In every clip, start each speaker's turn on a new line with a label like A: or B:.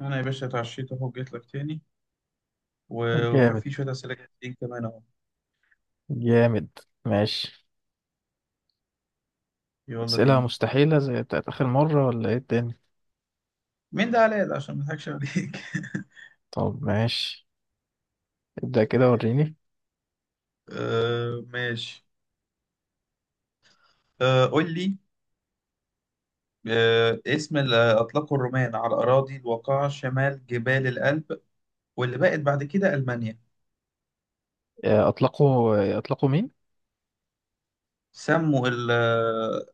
A: انا يا باشا اتعشيت اهو، جيت لك تاني. و- وكان
B: جامد.
A: في شويه اسئله جايين كمان اهو.
B: جامد. ماشي.
A: يلا
B: أسئلة
A: بينا.
B: مستحيلة زي بتاعت آخر مرة ولا إيه الدنيا؟
A: مين ده علاء ده عشان ما اضحكش عليك.
B: طب ماشي، ابدأ كده وريني.
A: آه، ماشي. آه، قول لي. آه، اسم اللي اطلقه الرومان على الاراضي الواقعه شمال جبال الألب، واللي بقت بعد كده المانيا؟
B: أطلقوا أطلقوا مين؟
A: سموا ال- آه،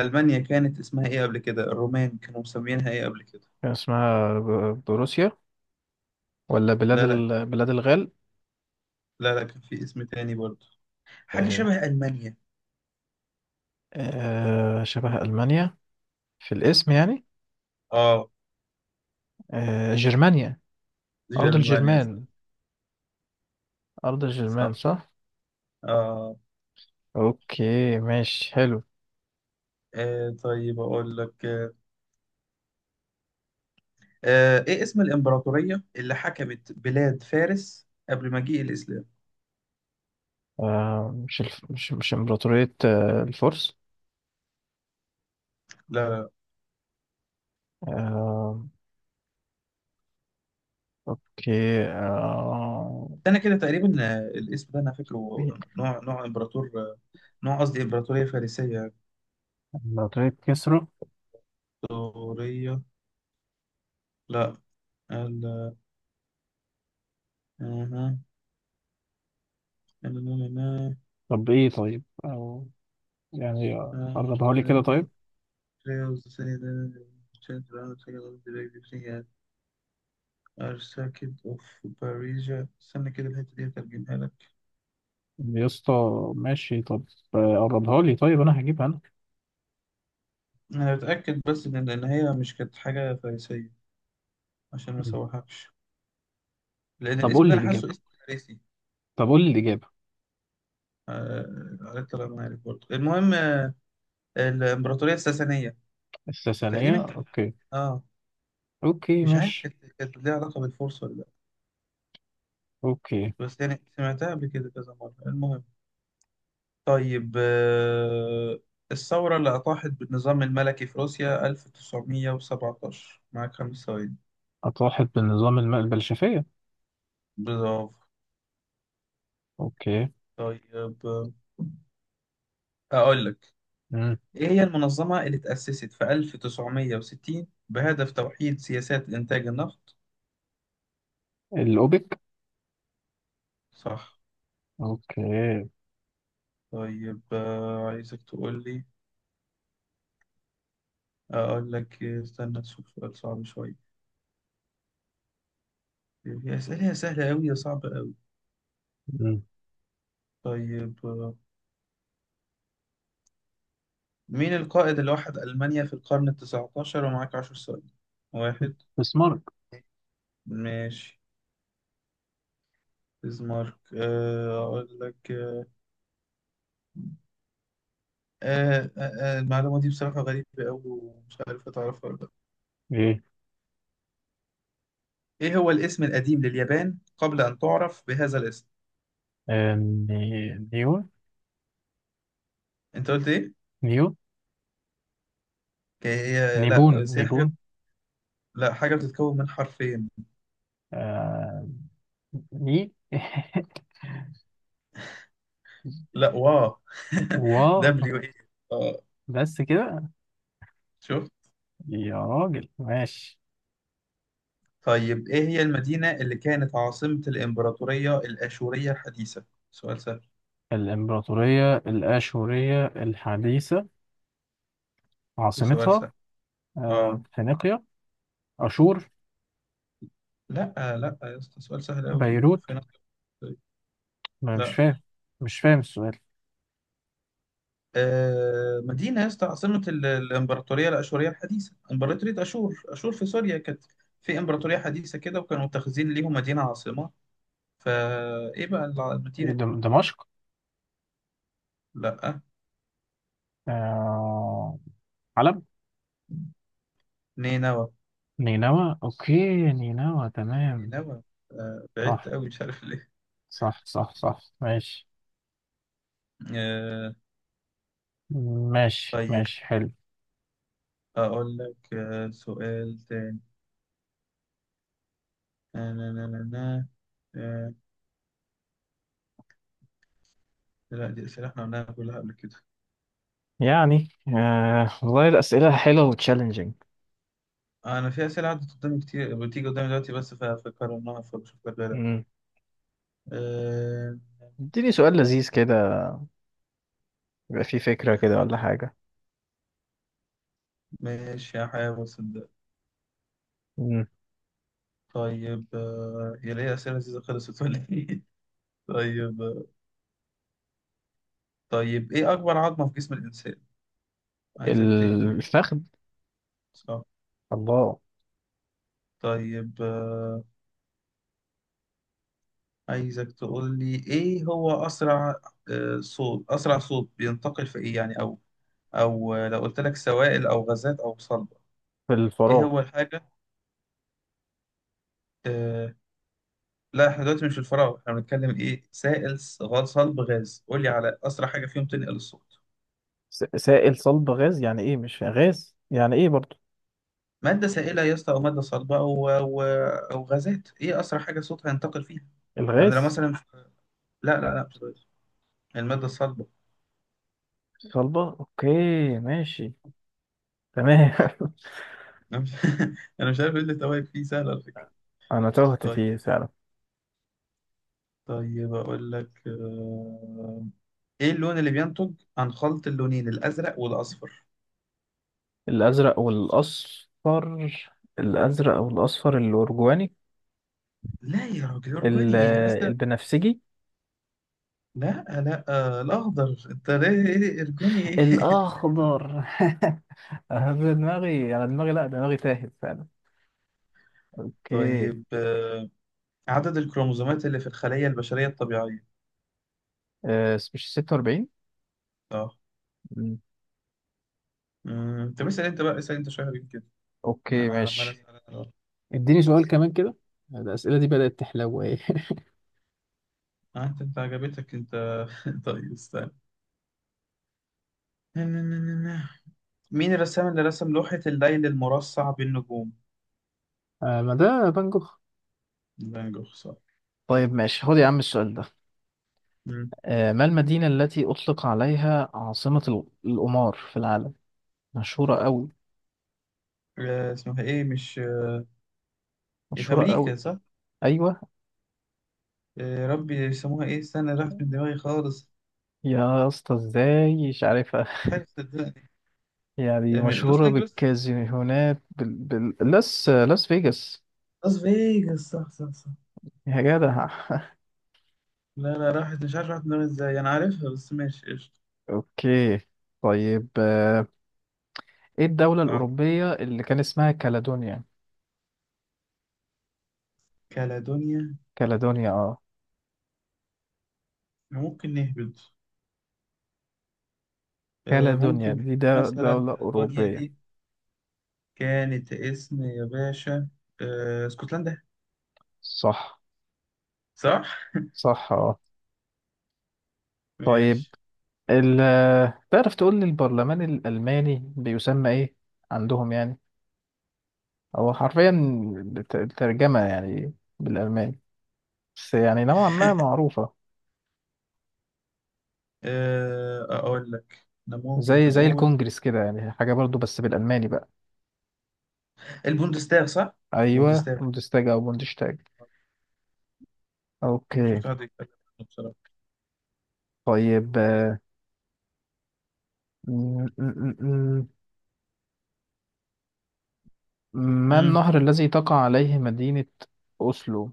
A: المانيا كانت اسمها ايه قبل كده؟ الرومان كانوا مسمينها ايه قبل كده؟
B: كان اسمها بروسيا ولا بلاد
A: لا، لا،
B: بلاد الغال؟
A: لا، لا، كان في اسم تاني برضه، حاجه
B: آه،
A: شبه المانيا.
B: شبه ألمانيا في الاسم يعني.
A: اه،
B: جرمانيا. أرض
A: جرمانيا صح.
B: الجرمان. أرض الجرمان
A: صح.
B: صح.
A: اه.
B: أوكي ماشي حلو.
A: طيب أقول لك. آه إيه اسم الإمبراطورية اللي حكمت بلاد فارس قبل مجيء الإسلام؟
B: مش مش إمبراطورية الفرس.
A: لا، لا.
B: آه، أوكي
A: أنا كده تقريبا، الاسم ده أنا فاكره. نوع إمبراطور، نوع، قصدي إمبراطورية فارسية.
B: لو طيب كسره.
A: إمبراطورية. لا. ال- أها.
B: طب ايه طيب او يعني قربها لي كده طيب.
A: Archduke of Bavaria، استنى كده الحتة دي هترجمها لك.
B: يا اسطى ماشي طب. قربها لي طيب، انا هجيبها انا.
A: انا بتاكد بس ان هي مش كانت حاجه فارسيه، عشان ما اسوحكش، لان
B: طب
A: الاسم
B: قول
A: ده
B: لي
A: انا حاسه
B: الاجابه،
A: اسم فارسي.
B: طب قول لي الاجابه.
A: عليه الطلاق ما عارف برضه المهم. الامبراطوريه الساسانيه
B: الساسانيه
A: تقريبا
B: اوكي.
A: اه.
B: اوكي
A: مش عارف
B: ماشي.
A: كانت ليها علاقه بالفرس ولا لا،
B: اوكي.
A: بس يعني سمعتها قبل كده كذا مره، المهم. طيب، الثوره اللي اطاحت بالنظام الملكي في روسيا 1917، معاك 5 ثواني.
B: اطاحت بالنظام الماء البلشفيه.
A: برافو.
B: اوكي.
A: طيب، اقول لك،
B: مم.
A: إيه هي المنظمة اللي تأسست في 1960 بهدف توحيد سياسات إنتاج النفط؟
B: الاوبك.
A: صح.
B: اوكي.
A: طيب، عايزك تقول لي، أقول لك، استنى أشوف سؤال صعب شوية. هي أسئلة سهلة أوي يا صعبة أوي.
B: مم.
A: طيب، مين القائد اللي وحد ألمانيا في القرن التسعتاشر؟ ومعاك 10 ثواني. واحد.
B: بسمارك.
A: ماشي، بيسمارك. أقول لك، المعلومة دي بصراحة غريبة أوي ومش عارف أتعرفها.
B: ايه؟
A: إيه هو الاسم القديم لليابان قبل أن تعرف بهذا الاسم؟
B: نيو.
A: أنت قلت إيه؟
B: نيو.
A: لا
B: نيبون
A: بس هي حاجة،
B: نيبون.
A: لا، حاجة بتتكون من حرفين.
B: آه... ني
A: لا، واو.
B: و.
A: دبليو إيه. آه.
B: بس كده.
A: شوف.
B: يا راجل ماشي.
A: طيب، إيه هي المدينة اللي كانت عاصمة الإمبراطورية الأشورية الحديثة؟ سؤال سهل.
B: الإمبراطورية الآشورية الحديثة
A: سؤال
B: عاصمتها
A: سهل. آه.
B: فينيقيا. أشور.
A: لا لا يا اسطى، سؤال سهل أوي.
B: بيروت.
A: فين.
B: ما أنا مش
A: لا.
B: فاهم، مش فاهم السؤال.
A: مدينة يا اسطى، عاصمة الإمبراطورية الأشورية الحديثة، إمبراطورية أشور في سوريا كانت، في إمبراطورية حديثة كده وكانوا متخذين ليهم مدينة عاصمة، فإيه بقى
B: إيه؟
A: المدينة دي؟
B: دمشق.
A: لأ.
B: آه، حلب.
A: نينوى.
B: نينوى أوكي. نينوى تمام.
A: نينوى. بعدت
B: صح،
A: أوي مش عارف ليه.
B: صح صح صح ماشي.
A: آه،
B: ماشي
A: طيب،
B: ماشي حلو.
A: أقول لك، سؤال تاني. نا- نا- نا- نا- نا. آه، لا، دي أسئلة إحنا قلناها كلها قبل كده.
B: يعني آه والله الأسئلة حلوة وتشالنجينج.
A: أنا في أسئلة عدت قدامي كتير بتيجي قدامي دلوقتي بس فكرناها، فبشوف لك غيرها.
B: اديني سؤال لذيذ كده، يبقى فيه فكرة كده ولا حاجة.
A: ماشي، هحاول صدق. طيب، هي ليه أسئلة لذيذة خلصت ولا إيه؟ طيب. طيب، إيه أكبر عظمة في جسم الإنسان؟ عايزك تهبل.
B: الفخذ.
A: صح.
B: الله.
A: طيب، عايزك تقول لي إيه هو أسرع، صوت، أسرع صوت بينتقل في إيه يعني؟ أو، أو لو قلت لك سوائل أو غازات أو صلبة.
B: في
A: إيه
B: الفراغ.
A: هو الحاجة؟ آه، لا، إحنا دلوقتي مش في الفراغ، إحنا بنتكلم إيه، سائل غاز صلب غاز، قول لي على أسرع حاجة فيهم تنقل الصوت.
B: سائل صلب غاز يعني ايه؟ مش غاز يعني ايه برضو؟
A: مادة سائلة يا اسطى أو مادة صلبة، أو أو غازات، إيه أسرع حاجة صوتها ينتقل فيها؟ يعني لو
B: الغاز.
A: مثلا، لا لا لا مش بلاش، المادة الصلبة.
B: صلبة اوكي. ماشي. تمام.
A: أنا مش، أنا مش عارف إيه اللي توائم فيه سهل على فكرة.
B: انا تهت
A: طيب.
B: فيه فعلا.
A: طيب، أقول لك، إيه اللون اللي بينتج عن خلط اللونين الأزرق والأصفر؟
B: الازرق والاصفر. الازرق والاصفر الارجواني.
A: لا يا راجل، أرجوني
B: ال-
A: إيه، أزرق؟
B: البنفسجي.
A: لا، لا، الأخضر، أنت ليه، إيه أرجوني إيه؟
B: الاخضر. أنا دماغي، انا دماغي، لا دماغي تاهت فعلا. اوكي.
A: طيب، عدد الكروموسومات اللي في الخلية البشرية الطبيعية؟
B: مش 46؟
A: آه.
B: مم.
A: مم. طب اسال انت بقى، اسال انت شويه حبيبي كده،
B: اوكي
A: انا عمال
B: ماشي.
A: اسال انا بقى.
B: اديني سؤال كمان كده. الأسئلة دي بدأت تحلو ايه.
A: انت عجبتك انت. طيب استنى. مين الرسام اللي رسم لوحة الليل المرصع بالنجوم؟
B: ما ده فان جوخ.
A: فان جوخ صح.
B: طيب ماشي، خد يا عم السؤال ده.
A: مم.
B: ما المدينة التي أطلق عليها عاصمة القمار في العالم؟ مشهورة قوي.
A: اسمها ايه مش، في
B: مشهورة قوي.
A: امريكا صح؟
B: أيوة.
A: ربي يسموها ايه، استنى راحت من دماغي خالص.
B: يا اسطى ازاي مش عارفها؟
A: مش عارف صدقني.
B: يعني
A: من لوس
B: مشهورة
A: انجلوس،
B: بالكازينوهات لاس لاس فيجاس.
A: لاس فيجاس، صح صح صح.
B: يا جدع.
A: لا، لا، راحت، مش عارف راحت من دماغي ازاي، انا عارفها بس ماشي، قشطة.
B: اوكي. طيب ايه الدولة
A: اه،
B: الأوروبية اللي كان اسمها كالادونيا؟
A: كالادونيا.
B: كالادونيا اه.
A: ممكن نهبط.
B: كالادونيا
A: ممكن،
B: دي ده
A: مثلا
B: دولة
A: كاليدونيا
B: أوروبية.
A: دي كانت اسم يا باشا، اسكتلندا.
B: صح.
A: صح؟
B: صح اه. طيب،
A: ماشي.
B: ال، تعرف تقول لي البرلمان الألماني بيسمى إيه عندهم يعني؟ هو حرفيا الترجمة يعني بالألماني، بس يعني نوعا ما معروفة.
A: أقول لك إحنا ممكن
B: زي زي
A: نقول
B: الكونجرس كده يعني حاجة برضو بس بالألماني بقى.
A: البوندستاغ صح؟
B: أيوة
A: البوندستاغ.
B: بوندستاج أو بوندشتاج. أوكي.
A: شفت حد يتكلم عنه بصراحة.
B: طيب م- م- م- ما
A: مم.
B: النهر الذي تقع عليه مدينة أوسلو؟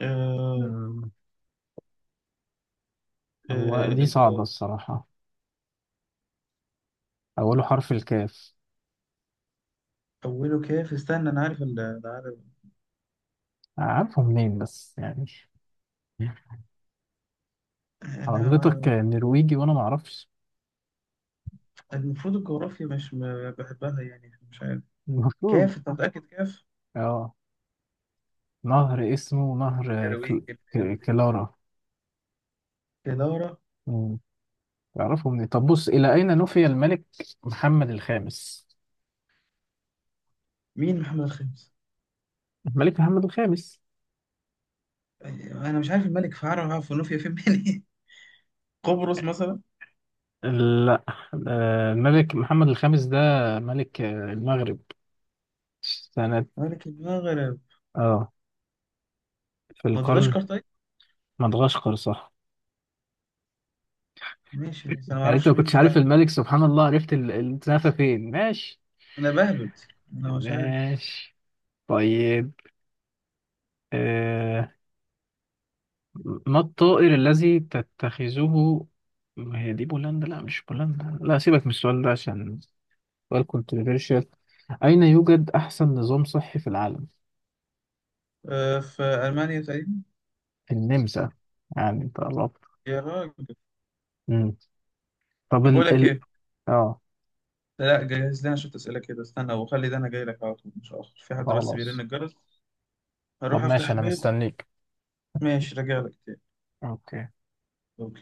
A: آه،
B: هو
A: آه،
B: دي صعبة
A: ال-
B: الصراحة. أوله حرف الكاف.
A: أوله كيف، استنى، أنا عارف.
B: عارفه منين بس يعني؟
A: أنا،
B: حضرتك نرويجي وأنا معرفش.
A: المفروض الجغرافيا مش بحبها يعني، مش عارف.
B: المفروض.
A: كيف، أنت متأكد كيف؟
B: اه نهر اسمه نهر
A: نرويج. النرويج.
B: كلارا.
A: كدارة.
B: مم. تعرفه منين؟ طب بص، إلى أين نفي الملك محمد الخامس؟
A: مين محمد الخامس؟
B: الملك محمد الخامس.
A: انا مش عارف الملك فعرة في نوفيا فين منين. قبرص مثلا؟
B: لا. الملك محمد الخامس ده ملك المغرب، سنة،
A: ملك المغرب.
B: اه، في القرن.
A: مدغشقر طيب.
B: مدغشقر صح.
A: ماشي بس انا ما
B: يعني انت
A: اعرفش
B: ما
A: مين
B: كنتش عارف
A: فعلا.
B: الملك سبحان الله، عرفت الزنفة فين. ماشي،
A: انا بهبت، انا مش عارف.
B: ماشي. طيب آه، ما الطائر الذي تتخذه، ما هي دي بولندا، لا مش بولندا، لا سيبك من السؤال ده عشان سؤال كونتروفيرشال. أين يوجد أحسن نظام صحي في العالم؟
A: أه، في المانيا تقريبا.
B: النمسا. يعني انت قربت.
A: يا راجل.
B: مم. طب
A: طب بقول
B: ال
A: لك
B: ال،
A: ايه،
B: اه،
A: لا جهز لنا شويه اسئله كده، استنى وخلي ده انا جاي لك على طول، مش هاخر في حد بس بيرن
B: خلاص.
A: الجرس،
B: طب
A: هروح افتح
B: ماشي أنا
A: الباب.
B: مستنيك.
A: ماشي راجع لك
B: اوكي.
A: تاني.